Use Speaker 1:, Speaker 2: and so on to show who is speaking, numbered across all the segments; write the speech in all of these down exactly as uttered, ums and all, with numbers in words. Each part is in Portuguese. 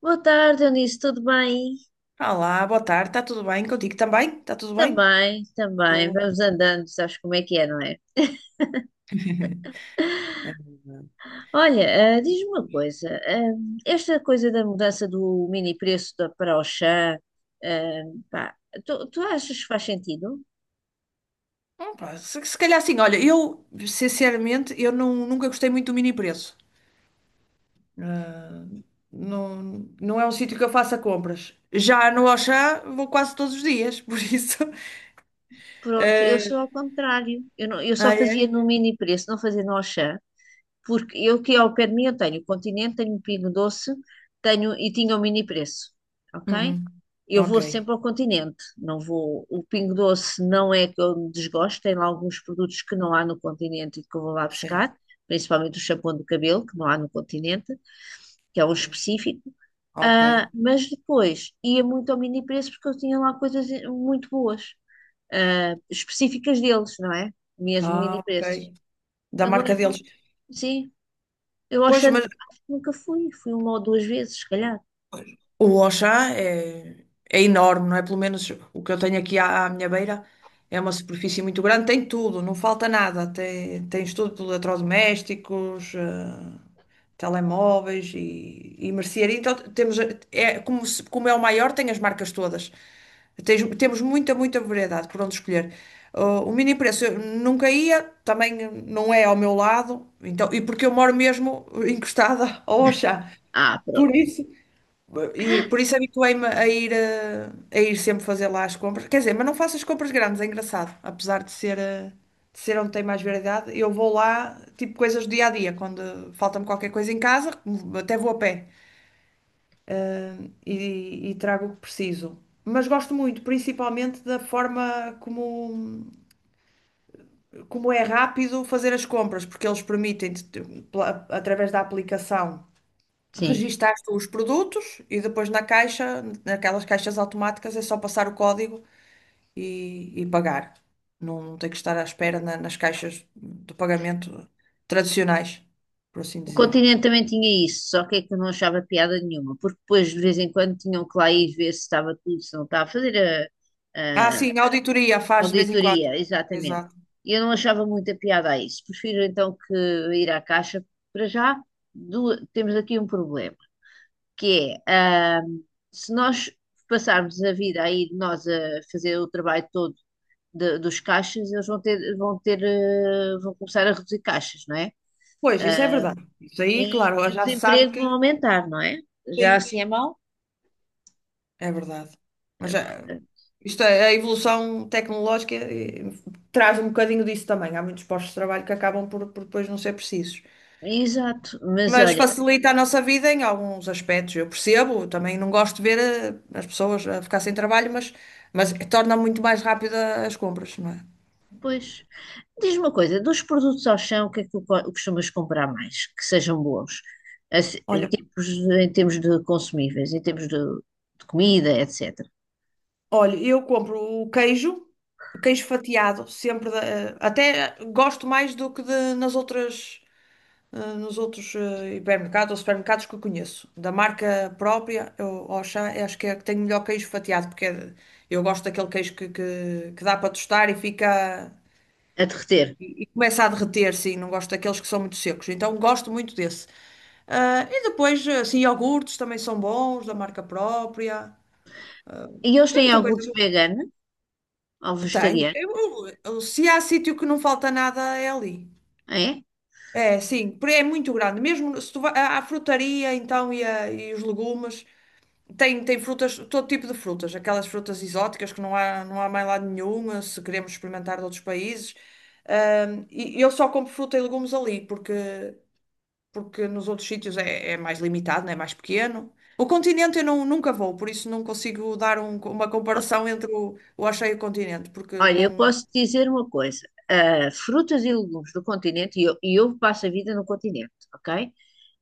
Speaker 1: Boa tarde, Eunice, tudo bem?
Speaker 2: Olá, boa tarde, está tudo bem contigo também? Está tudo bem?
Speaker 1: Também, também,
Speaker 2: Boa.
Speaker 1: vamos andando, sabes como é que é, não é? Olha, ah, diz-me uma coisa, ah, esta coisa da mudança do mini preço da, para o chá, ehm, pá, tu, tu achas que faz sentido?
Speaker 2: Hum, pá, se, se calhar assim, olha, eu sinceramente eu não- nunca gostei muito do mini preço. Ah, não, não é um sítio que eu faça compras. Já no Auchan vou quase todos os dias, por isso.
Speaker 1: Pronto, eu
Speaker 2: eh,
Speaker 1: sou ao contrário, eu, não- eu só
Speaker 2: ah,
Speaker 1: fazia
Speaker 2: é?
Speaker 1: no mini preço, não fazia no Auchan. Porque eu aqui ao pé de mim eu tenho Continente, tenho Pingo Doce, tenho e tinha o Mini Preço, ok?
Speaker 2: Uhum.
Speaker 1: Eu
Speaker 2: Ok,
Speaker 1: vou sempre ao Continente, não vou. O Pingo Doce não é que eu desgosto, tem lá alguns produtos que não há no Continente e que eu vou lá
Speaker 2: sim,
Speaker 1: buscar, principalmente o shampoo do cabelo, que não há no Continente, que é um
Speaker 2: pois.
Speaker 1: específico.
Speaker 2: Ok.
Speaker 1: Ah, mas depois ia muito ao Mini Preço porque eu tinha lá coisas muito boas, ah, específicas deles, não é? Mesmo
Speaker 2: Ah,
Speaker 1: Mini
Speaker 2: ok.
Speaker 1: Preços.
Speaker 2: Da marca
Speaker 1: Agora não,
Speaker 2: deles.
Speaker 1: sim. Eu
Speaker 2: Pois,
Speaker 1: achando,
Speaker 2: mas
Speaker 1: acho que nunca fui, fui uma ou duas vezes, se calhar.
Speaker 2: o Auchan é, é enorme, não é? Pelo menos o que eu tenho aqui à, à minha beira é uma superfície muito grande, tem tudo, não falta nada. Tem, tens tudo, de eletrodomésticos, eh, telemóveis e, e mercearia. Então temos, é, como, se- como é o maior, tem as marcas todas. Tens- temos muita, muita variedade por onde escolher. Ah, o mini preço eu nunca ia, também não é ao meu lado, então, e porque eu moro mesmo encostada ao Auchan.
Speaker 1: Ah, pronto,
Speaker 2: Por isso, e por isso habituei-me a ir, eh, a, ir sempre fazer lá as compras. Quer dizer, mas não faço as compras grandes, é engraçado. Apesar de ser, eh, de ser onde tem mais variedade, eu vou lá, tipo, coisas do dia a dia. Quando falta-me qualquer coisa em casa, até vou a pé e, e trago o que preciso. Mas gosto muito, principalmente da forma como, como é rápido fazer as compras, porque eles permitem, através da aplicação.
Speaker 1: sim.
Speaker 2: Registaste os produtos e depois na caixa, naquelas caixas automáticas, é só passar o código e, e pagar. Não não tem que estar à espera na- nas caixas de pagamento tradicionais, por assim
Speaker 1: O
Speaker 2: dizer.
Speaker 1: continente também tinha isso, só que é que eu não achava piada nenhuma, porque depois de vez em quando tinham que lá ir ver se estava tudo, se não estava a fazer a,
Speaker 2: Ah,
Speaker 1: a
Speaker 2: sim, a auditoria faz de vez em quando.
Speaker 1: auditoria, exatamente.
Speaker 2: Exato.
Speaker 1: E eu não achava muita piada a isso. Prefiro então que ir à caixa. Para já, du- temos aqui um problema, que é, ah, se nós passarmos a vida aí, nós a fazer o trabalho todo de- dos caixas, eles vão ter, vão ter, eh, vão começar a reduzir caixas, não é?
Speaker 2: Pois, isso é
Speaker 1: Ah,
Speaker 2: verdade. Isso aí,
Speaker 1: e,
Speaker 2: claro,
Speaker 1: e os
Speaker 2: já se sabe
Speaker 1: empregos
Speaker 2: que
Speaker 1: vão aumentar, não é? Já
Speaker 2: sim,
Speaker 1: assim é mau?
Speaker 2: é verdade.
Speaker 1: Eh,
Speaker 2: Mas eh,
Speaker 1: portanto,
Speaker 2: isto é, a evolução tecnológica eh, traz um bocadinho disso também. Há muitos postos de trabalho que acabam por, por depois não ser precisos.
Speaker 1: exato, mas
Speaker 2: Mas
Speaker 1: olha,
Speaker 2: facilita a nossa vida em alguns aspectos. Eu percebo, também não gosto de ver eh, as pessoas a ficar sem trabalho, mas, mas torna muito mais rápida as compras, não é?
Speaker 1: pois, diz-me uma coisa, dos produtos ao chão, o que é que tu co- costumas comprar mais, que sejam bons? Assim, em
Speaker 2: Olha,
Speaker 1: termos, de- em termos de consumíveis, em termos de, de comida, etecetera.
Speaker 2: olha, eu compro o queijo, o queijo fatiado, sempre da- eh, até gosto mais do que de- nas outras, eh, nos outros eh, hipermercados ou supermercados que eu conheço. Da marca própria, eu Auchan, eu acho que é que tem melhor queijo fatiado, porque é- de- eu gosto daquele queijo que, que, que dá para tostar e fica.
Speaker 1: A derreter.
Speaker 2: E começa a derreter, sim, não gosto daqueles que são muito secos, então gosto muito desse. Ah, e depois, assim, iogurtes também são bons, da marca própria.
Speaker 1: E eles
Speaker 2: Tem
Speaker 1: têm
Speaker 2: muita coisa
Speaker 1: iogurte
Speaker 2: boa.
Speaker 1: vegano ou
Speaker 2: Tem.
Speaker 1: vegetariano,
Speaker 2: Eu- eu- se há sítio que não falta nada, é ali.
Speaker 1: é?
Speaker 2: É, sim, porque é muito grande. Mesmo se tu vai à à frutaria, então, e, a- e os legumes, tem, tem frutas, todo tipo de frutas. Aquelas frutas exóticas que não há, não há mais lado nenhum, se queremos experimentar de outros países. Ah, e e eu só compro fruta e legumes ali, porque porque nos outros sítios é, é mais limitado, né? É mais pequeno. O continente eu não, nunca vou, por isso não consigo dar um- uma comparação entre o, o Axé e o continente, porque
Speaker 1: Olha, eu
Speaker 2: não.
Speaker 1: posso te dizer uma coisa: ah, frutas e legumes do continente, e eu, e eu passo a vida no continente, ok?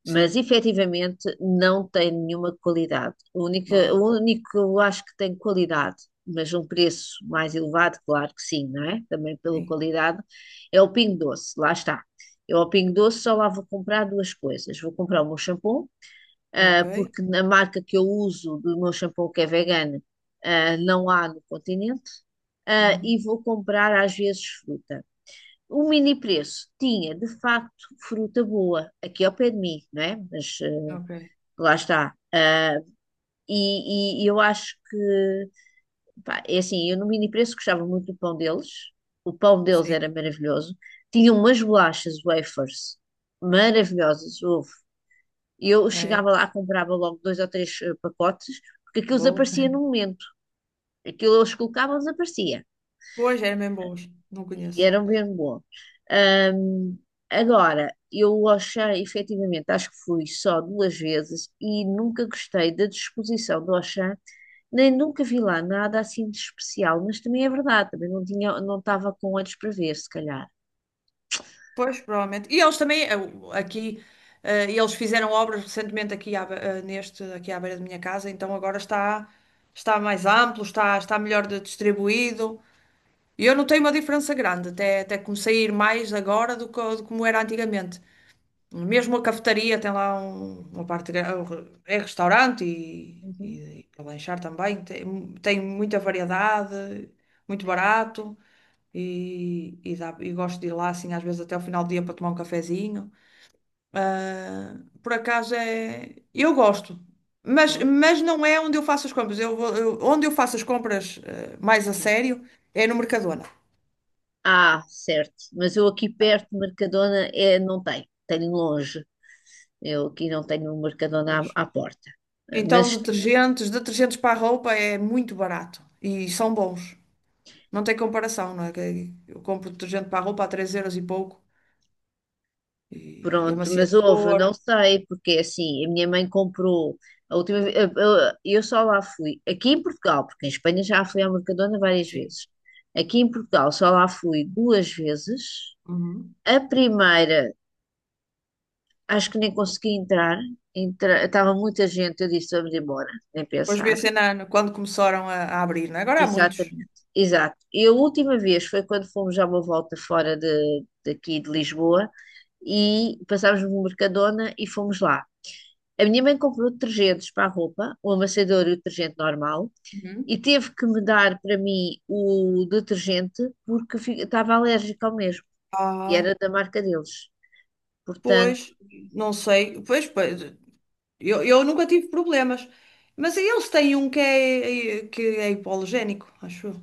Speaker 2: Sim.
Speaker 1: Mas efetivamente não tem nenhuma qualidade. O único,
Speaker 2: Ah,
Speaker 1: o único que eu acho que tem qualidade, mas um preço mais elevado, claro que sim, não é? Também pela
Speaker 2: sim.
Speaker 1: qualidade, é o Pingo Doce, lá está. Eu ao Pingo Doce só lá vou comprar duas coisas: vou comprar o meu shampoo
Speaker 2: Ok.
Speaker 1: ah, porque na marca que eu uso do meu shampoo que é vegano, ah, não há no continente, ah, e
Speaker 2: Uhum.
Speaker 1: vou comprar às vezes fruta. O mini preço tinha de facto fruta boa, aqui ao pé de mim, não é? Mas ah,
Speaker 2: Ok.
Speaker 1: lá está. Ah, e, e eu acho que, pá, é assim, eu no mini preço gostava muito do pão deles, o pão deles era
Speaker 2: Sim.
Speaker 1: maravilhoso, tinham umas bolachas wafers maravilhosas, houve e eu
Speaker 2: É.
Speaker 1: chegava lá, comprava logo dois ou três eh, pacotes, porque aquilo
Speaker 2: Vou.
Speaker 1: desaparecia no momento. Aquilo eles colocavam, desaparecia.
Speaker 2: Pois, é mesmo boas. Não
Speaker 1: E
Speaker 2: conheço.
Speaker 1: eram bem bom. Ahm, agora, eu Auchan, efetivamente, acho que fui só duas vezes e nunca gostei da disposição do Auchan, nem nunca vi lá nada assim de especial, mas também é verdade, também não tinha, não estava com olhos para ver, se calhar.
Speaker 2: Pois, provavelmente. E eles também, eh, o- aqui, eh, eles fizeram obras recentemente aqui, à, be- eh, neste, aqui à beira da minha casa, então agora está, está mais amplo, está, está melhor de- distribuído. E eu notei uma diferença grande, até, até comecei a ir mais agora do que do como era antigamente. Mesmo a cafetaria tem lá um- uma parte, gra- é restaurante e,
Speaker 1: Uhum.
Speaker 2: e, e lanchar também, tem, tem muita variedade, muito barato e, e, dá- e gosto de ir lá assim às vezes até ao final do dia para tomar um cafezinho. Ah, por acaso é, eu gosto. Mas,
Speaker 1: Ok.
Speaker 2: mas não é onde eu faço as compras. Eu, vou- eu- onde eu faço as compras, eh, mais a
Speaker 1: Sim.
Speaker 2: sério é no Mercadona.
Speaker 1: Ah, certo. Mas eu aqui perto, Mercadona, é, não tem. Tenho longe. Eu aqui não tenho um Mercadona
Speaker 2: Pois.
Speaker 1: à, à porta. Eh,
Speaker 2: Então,
Speaker 1: mas
Speaker 2: detergentes, detergentes para a roupa é muito barato e são bons. Não tem comparação, não é? Que eu compro detergente para a roupa a três euros e pouco e e
Speaker 1: pronto, mas houve,
Speaker 2: amaciador.
Speaker 1: não sei, porque é assim, a minha mãe comprou a última vez, eu, eu- eu só lá fui, aqui em Portugal, porque em Espanha já fui ao Mercadona várias
Speaker 2: Sim.
Speaker 1: vezes. Aqui em Portugal só lá fui duas vezes.
Speaker 2: Uhum.
Speaker 1: A primeira, acho que nem consegui entrar, entra- estava muita gente, eu disse, vamos embora, nem
Speaker 2: Pois vê
Speaker 1: pensar.
Speaker 2: se na- quando começaram a, a abrir, não é? Agora há muitos.
Speaker 1: Exatamente, exato. E a última vez foi quando fomos já uma volta fora de, daqui de Lisboa e passámos no Mercadona e fomos lá. A minha mãe comprou detergentes para a roupa, o amassador e o detergente normal,
Speaker 2: Uhum.
Speaker 1: e teve que me dar para mim o detergente porque fi- estava alérgica ao mesmo e
Speaker 2: Ah,
Speaker 1: era da marca deles. Portanto,
Speaker 2: pois, não sei. Pois, pois, Eu, eu nunca tive problemas. Mas eles têm um que é, que é hipoalergénico, acho eu.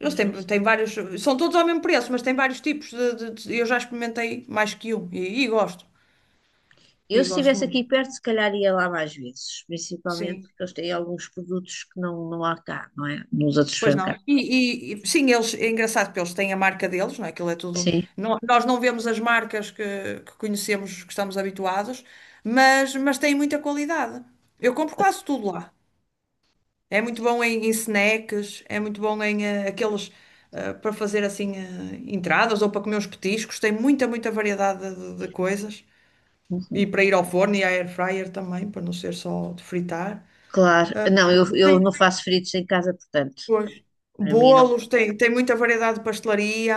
Speaker 2: Eles
Speaker 1: mas não
Speaker 2: têm,
Speaker 1: sei.
Speaker 2: têm vários. São todos ao mesmo preço, mas têm vários tipos. De, de- de- eu já experimentei mais que um e, e gosto. E
Speaker 1: Eu, se
Speaker 2: gosto
Speaker 1: estivesse
Speaker 2: muito.
Speaker 1: aqui perto, se calhar ia lá mais vezes, principalmente
Speaker 2: Sim.
Speaker 1: porque eles têm alguns produtos que não, não há cá, não é? Nos outros
Speaker 2: Pois não.
Speaker 1: supermercados.
Speaker 2: E, e- e, sim, eles, é engraçado porque eles têm a marca deles, não é? Aquilo é tudo.
Speaker 1: Sim.
Speaker 2: Nó- nós não vemos as marcas que, que conhecemos, que estamos habituados, mas, mas têm muita qualidade. Eu compro quase tudo lá. É muito bom em, em snacks, é muito bom em eh, aqueles eh, para fazer assim eh, entradas ou para comer uns petiscos. Tem muita, muita variedade de, de coisas. E
Speaker 1: Uhum.
Speaker 2: para ir ao forno e à air fryer também, para não ser só de fritar.
Speaker 1: Claro, não, eu, eu
Speaker 2: Tem,
Speaker 1: não faço fritos em casa, portanto,
Speaker 2: pois,
Speaker 1: para mim não,
Speaker 2: bolos, tem, tem muita variedade de pastelaria.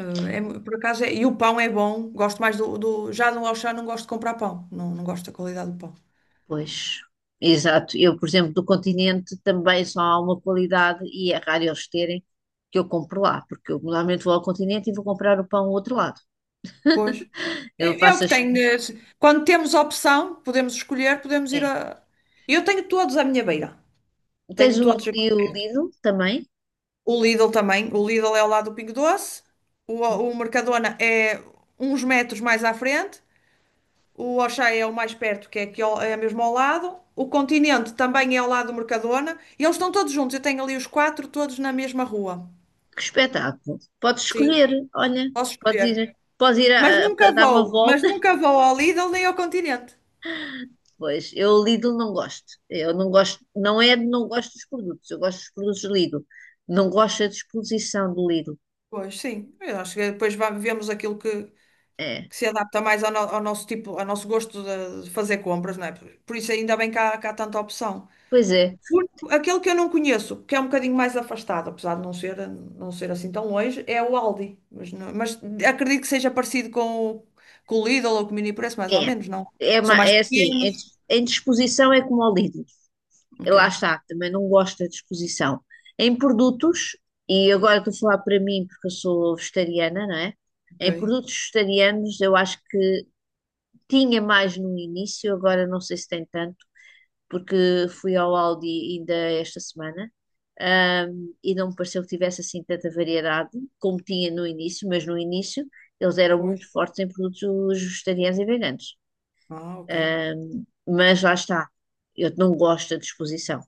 Speaker 2: eh, é mu- por acaso, é- E o pão é bom. Gosto mais do, do- Já no Auchan não gosto de comprar pão. Não, não gosto da qualidade do pão.
Speaker 1: pois, exato, eu, por exemplo, do continente também só há uma qualidade e é raro eles terem que eu compro lá, porque eu normalmente vou ao continente e vou comprar o pão ao outro lado.
Speaker 2: Pois.
Speaker 1: Eu
Speaker 2: É, é o
Speaker 1: faço
Speaker 2: que
Speaker 1: as.
Speaker 2: tenho. eh, se- Quando temos opção, podemos escolher, podemos ir
Speaker 1: É.
Speaker 2: a. Eu tenho todos à minha beira.
Speaker 1: Tens
Speaker 2: Tenho
Speaker 1: o
Speaker 2: todos
Speaker 1: Aldi
Speaker 2: aqui
Speaker 1: e o
Speaker 2: perto.
Speaker 1: Lidl também?
Speaker 2: O Lidl também. O Lidl é ao lado do Pingo Doce. O, o Mercadona é uns metros mais à frente. O Auchan é o mais perto, que é aqui ao, é mesmo ao lado. O Continente também é ao lado do Mercadona. E eles estão todos juntos. Eu tenho ali os quatro todos na mesma rua.
Speaker 1: Que espetáculo! Podes
Speaker 2: Sim,
Speaker 1: escolher, olha,
Speaker 2: posso
Speaker 1: podes
Speaker 2: escolher.
Speaker 1: ir, podes ir
Speaker 2: Mas
Speaker 1: a, a-
Speaker 2: nunca
Speaker 1: a dar uma
Speaker 2: vou, mas
Speaker 1: volta.
Speaker 2: nunca vou ao Lidl nem ao Continente.
Speaker 1: Pois, eu Lidl não gosto. Eu não gosto, não é de não gosto dos produtos, eu gosto dos produtos Lidl. Não gosto da disposição do Lidl.
Speaker 2: Pois sim, eu acho que depois va- vemos aquilo que,
Speaker 1: É,
Speaker 2: que se adapta mais ao, no- ao nosso tipo, ao nosso gosto de de fazer compras, não é? Por por isso ainda bem que há, que há tanta opção.
Speaker 1: pois é.
Speaker 2: O único- Aquele que eu não conheço, que é um bocadinho mais afastado, apesar de não ser, não ser assim tão longe, é o Aldi. Mas, não- Mas acredito que seja parecido com, o- com o Lidl ou com o Mini Preço, mais ou
Speaker 1: É,
Speaker 2: menos, não?
Speaker 1: é,
Speaker 2: São
Speaker 1: ma-
Speaker 2: mais
Speaker 1: é assim, em,
Speaker 2: pequenos.
Speaker 1: dis- em disposição é como ao Lidl.
Speaker 2: Ok,
Speaker 1: Lá está, também não gosto da disposição. Em produtos, e agora estou a falar para mim porque eu sou vegetariana, não é?
Speaker 2: ok,
Speaker 1: Em produtos vegetarianos eu acho que tinha mais no início, agora não sei se tem tanto porque fui ao Aldi ainda esta semana, ahm, e não me pareceu que tivesse assim tanta variedade como tinha no início, mas no início eles eram
Speaker 2: pois.
Speaker 1: muito fortes em produtos vegetarianos e veganos.
Speaker 2: Ah, ok.
Speaker 1: Ahm, mas lá está, eu não gosto da disposição,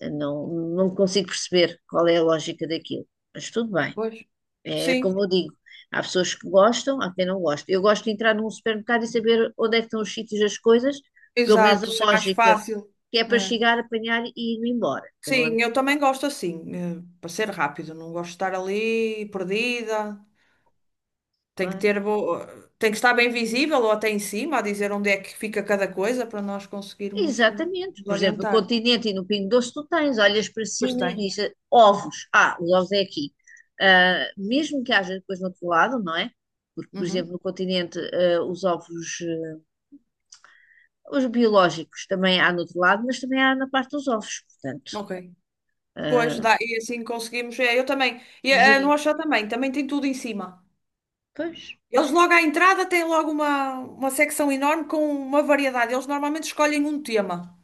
Speaker 1: eu não, não consigo perceber qual é a lógica daquilo, mas tudo bem.
Speaker 2: Pois.
Speaker 1: É
Speaker 2: Sim,
Speaker 1: como eu digo, há pessoas que gostam, há quem não gosta. Eu gosto de entrar num supermercado e saber onde é que estão os sítios das coisas, pelo menos a
Speaker 2: exato, isso é mais
Speaker 1: lógica,
Speaker 2: fácil.
Speaker 1: que é
Speaker 2: Não
Speaker 1: para
Speaker 2: é?
Speaker 1: chegar, apanhar e ir embora. Que eu não ando...
Speaker 2: Sim, eu também gosto assim, eh, para ser rápido, não gosto de estar ali perdida. Tem que
Speaker 1: Claro.
Speaker 2: ter bo... Tem que estar bem visível ou até em cima a dizer onde é que fica cada coisa para nós conseguirmos eh,
Speaker 1: Exatamente.
Speaker 2: nos
Speaker 1: Por exemplo, no
Speaker 2: orientar.
Speaker 1: Continente e no Pingo Doce tu tens, olhas para
Speaker 2: Pois
Speaker 1: cima e
Speaker 2: tem.
Speaker 1: dizes ovos. Ah, os ovos é aqui. Ah, mesmo que haja depois no outro lado, não é? Porque, por exemplo,
Speaker 2: Uhum.
Speaker 1: no Continente, ah, os ovos, ah, os biológicos também há no outro lado, mas também há na parte dos ovos. Portanto,
Speaker 2: Ok. Pois
Speaker 1: ah,
Speaker 2: dá, e assim conseguimos. É, eu também. E a a nossa também, também tem tudo em cima.
Speaker 1: pois,
Speaker 2: Eles logo à entrada têm logo uma, uma secção enorme com uma variedade. Eles normalmente escolhem um tema.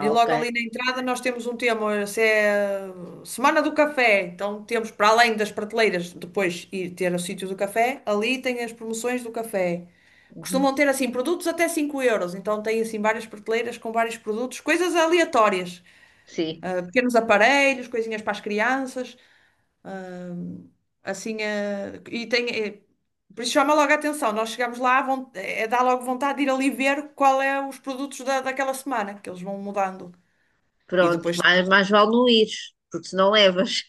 Speaker 2: E
Speaker 1: ok.
Speaker 2: logo ali na entrada nós temos um tema, essa é Semana do Café. Então temos, para além das prateleiras, depois ir ter o sítio do café, ali tem as promoções do café.
Speaker 1: Uhum.
Speaker 2: Costumam ter assim produtos até cinco euros, então tem assim várias prateleiras com vários produtos, coisas aleatórias,
Speaker 1: Sim,
Speaker 2: ah, pequenos aparelhos, coisinhas para as crianças, assim, ah, e tem, eh, por isso chama logo a atenção, nós chegamos lá, vão, é, dá logo vontade de ir ali ver qual é os produtos da, daquela semana, que eles vão mudando. E
Speaker 1: pronto,
Speaker 2: depois
Speaker 1: mais, mais vale não ir, porque se não levas.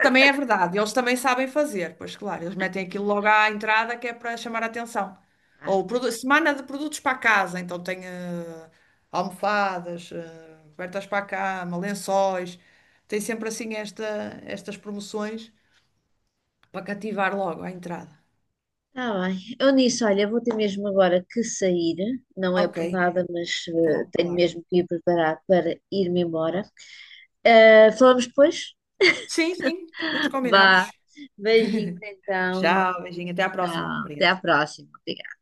Speaker 2: também é verdade, eles também sabem fazer, pois claro, eles metem aquilo logo à entrada que é para chamar a atenção.
Speaker 1: Claro.
Speaker 2: Ou produ- semana de produtos para a casa, então tem eh, almofadas, eh, cobertas para a cama, lençóis, tem sempre assim esta, estas promoções para cativar logo à entrada.
Speaker 1: Está bem. Eu nisso, olha, vou ter mesmo agora que sair, não é
Speaker 2: Ok,
Speaker 1: por nada, mas eh,
Speaker 2: bom,
Speaker 1: tenho
Speaker 2: claro.
Speaker 1: mesmo que ir preparar para ir-me embora. Eh, falamos depois?
Speaker 2: Sim, sim, depois
Speaker 1: Vá.
Speaker 2: combinamos.
Speaker 1: Beijinhos então, lindo.
Speaker 2: Tchau, beijinho, até à próxima.
Speaker 1: Tchau. Até à
Speaker 2: Obrigada.
Speaker 1: próxima. Obrigada.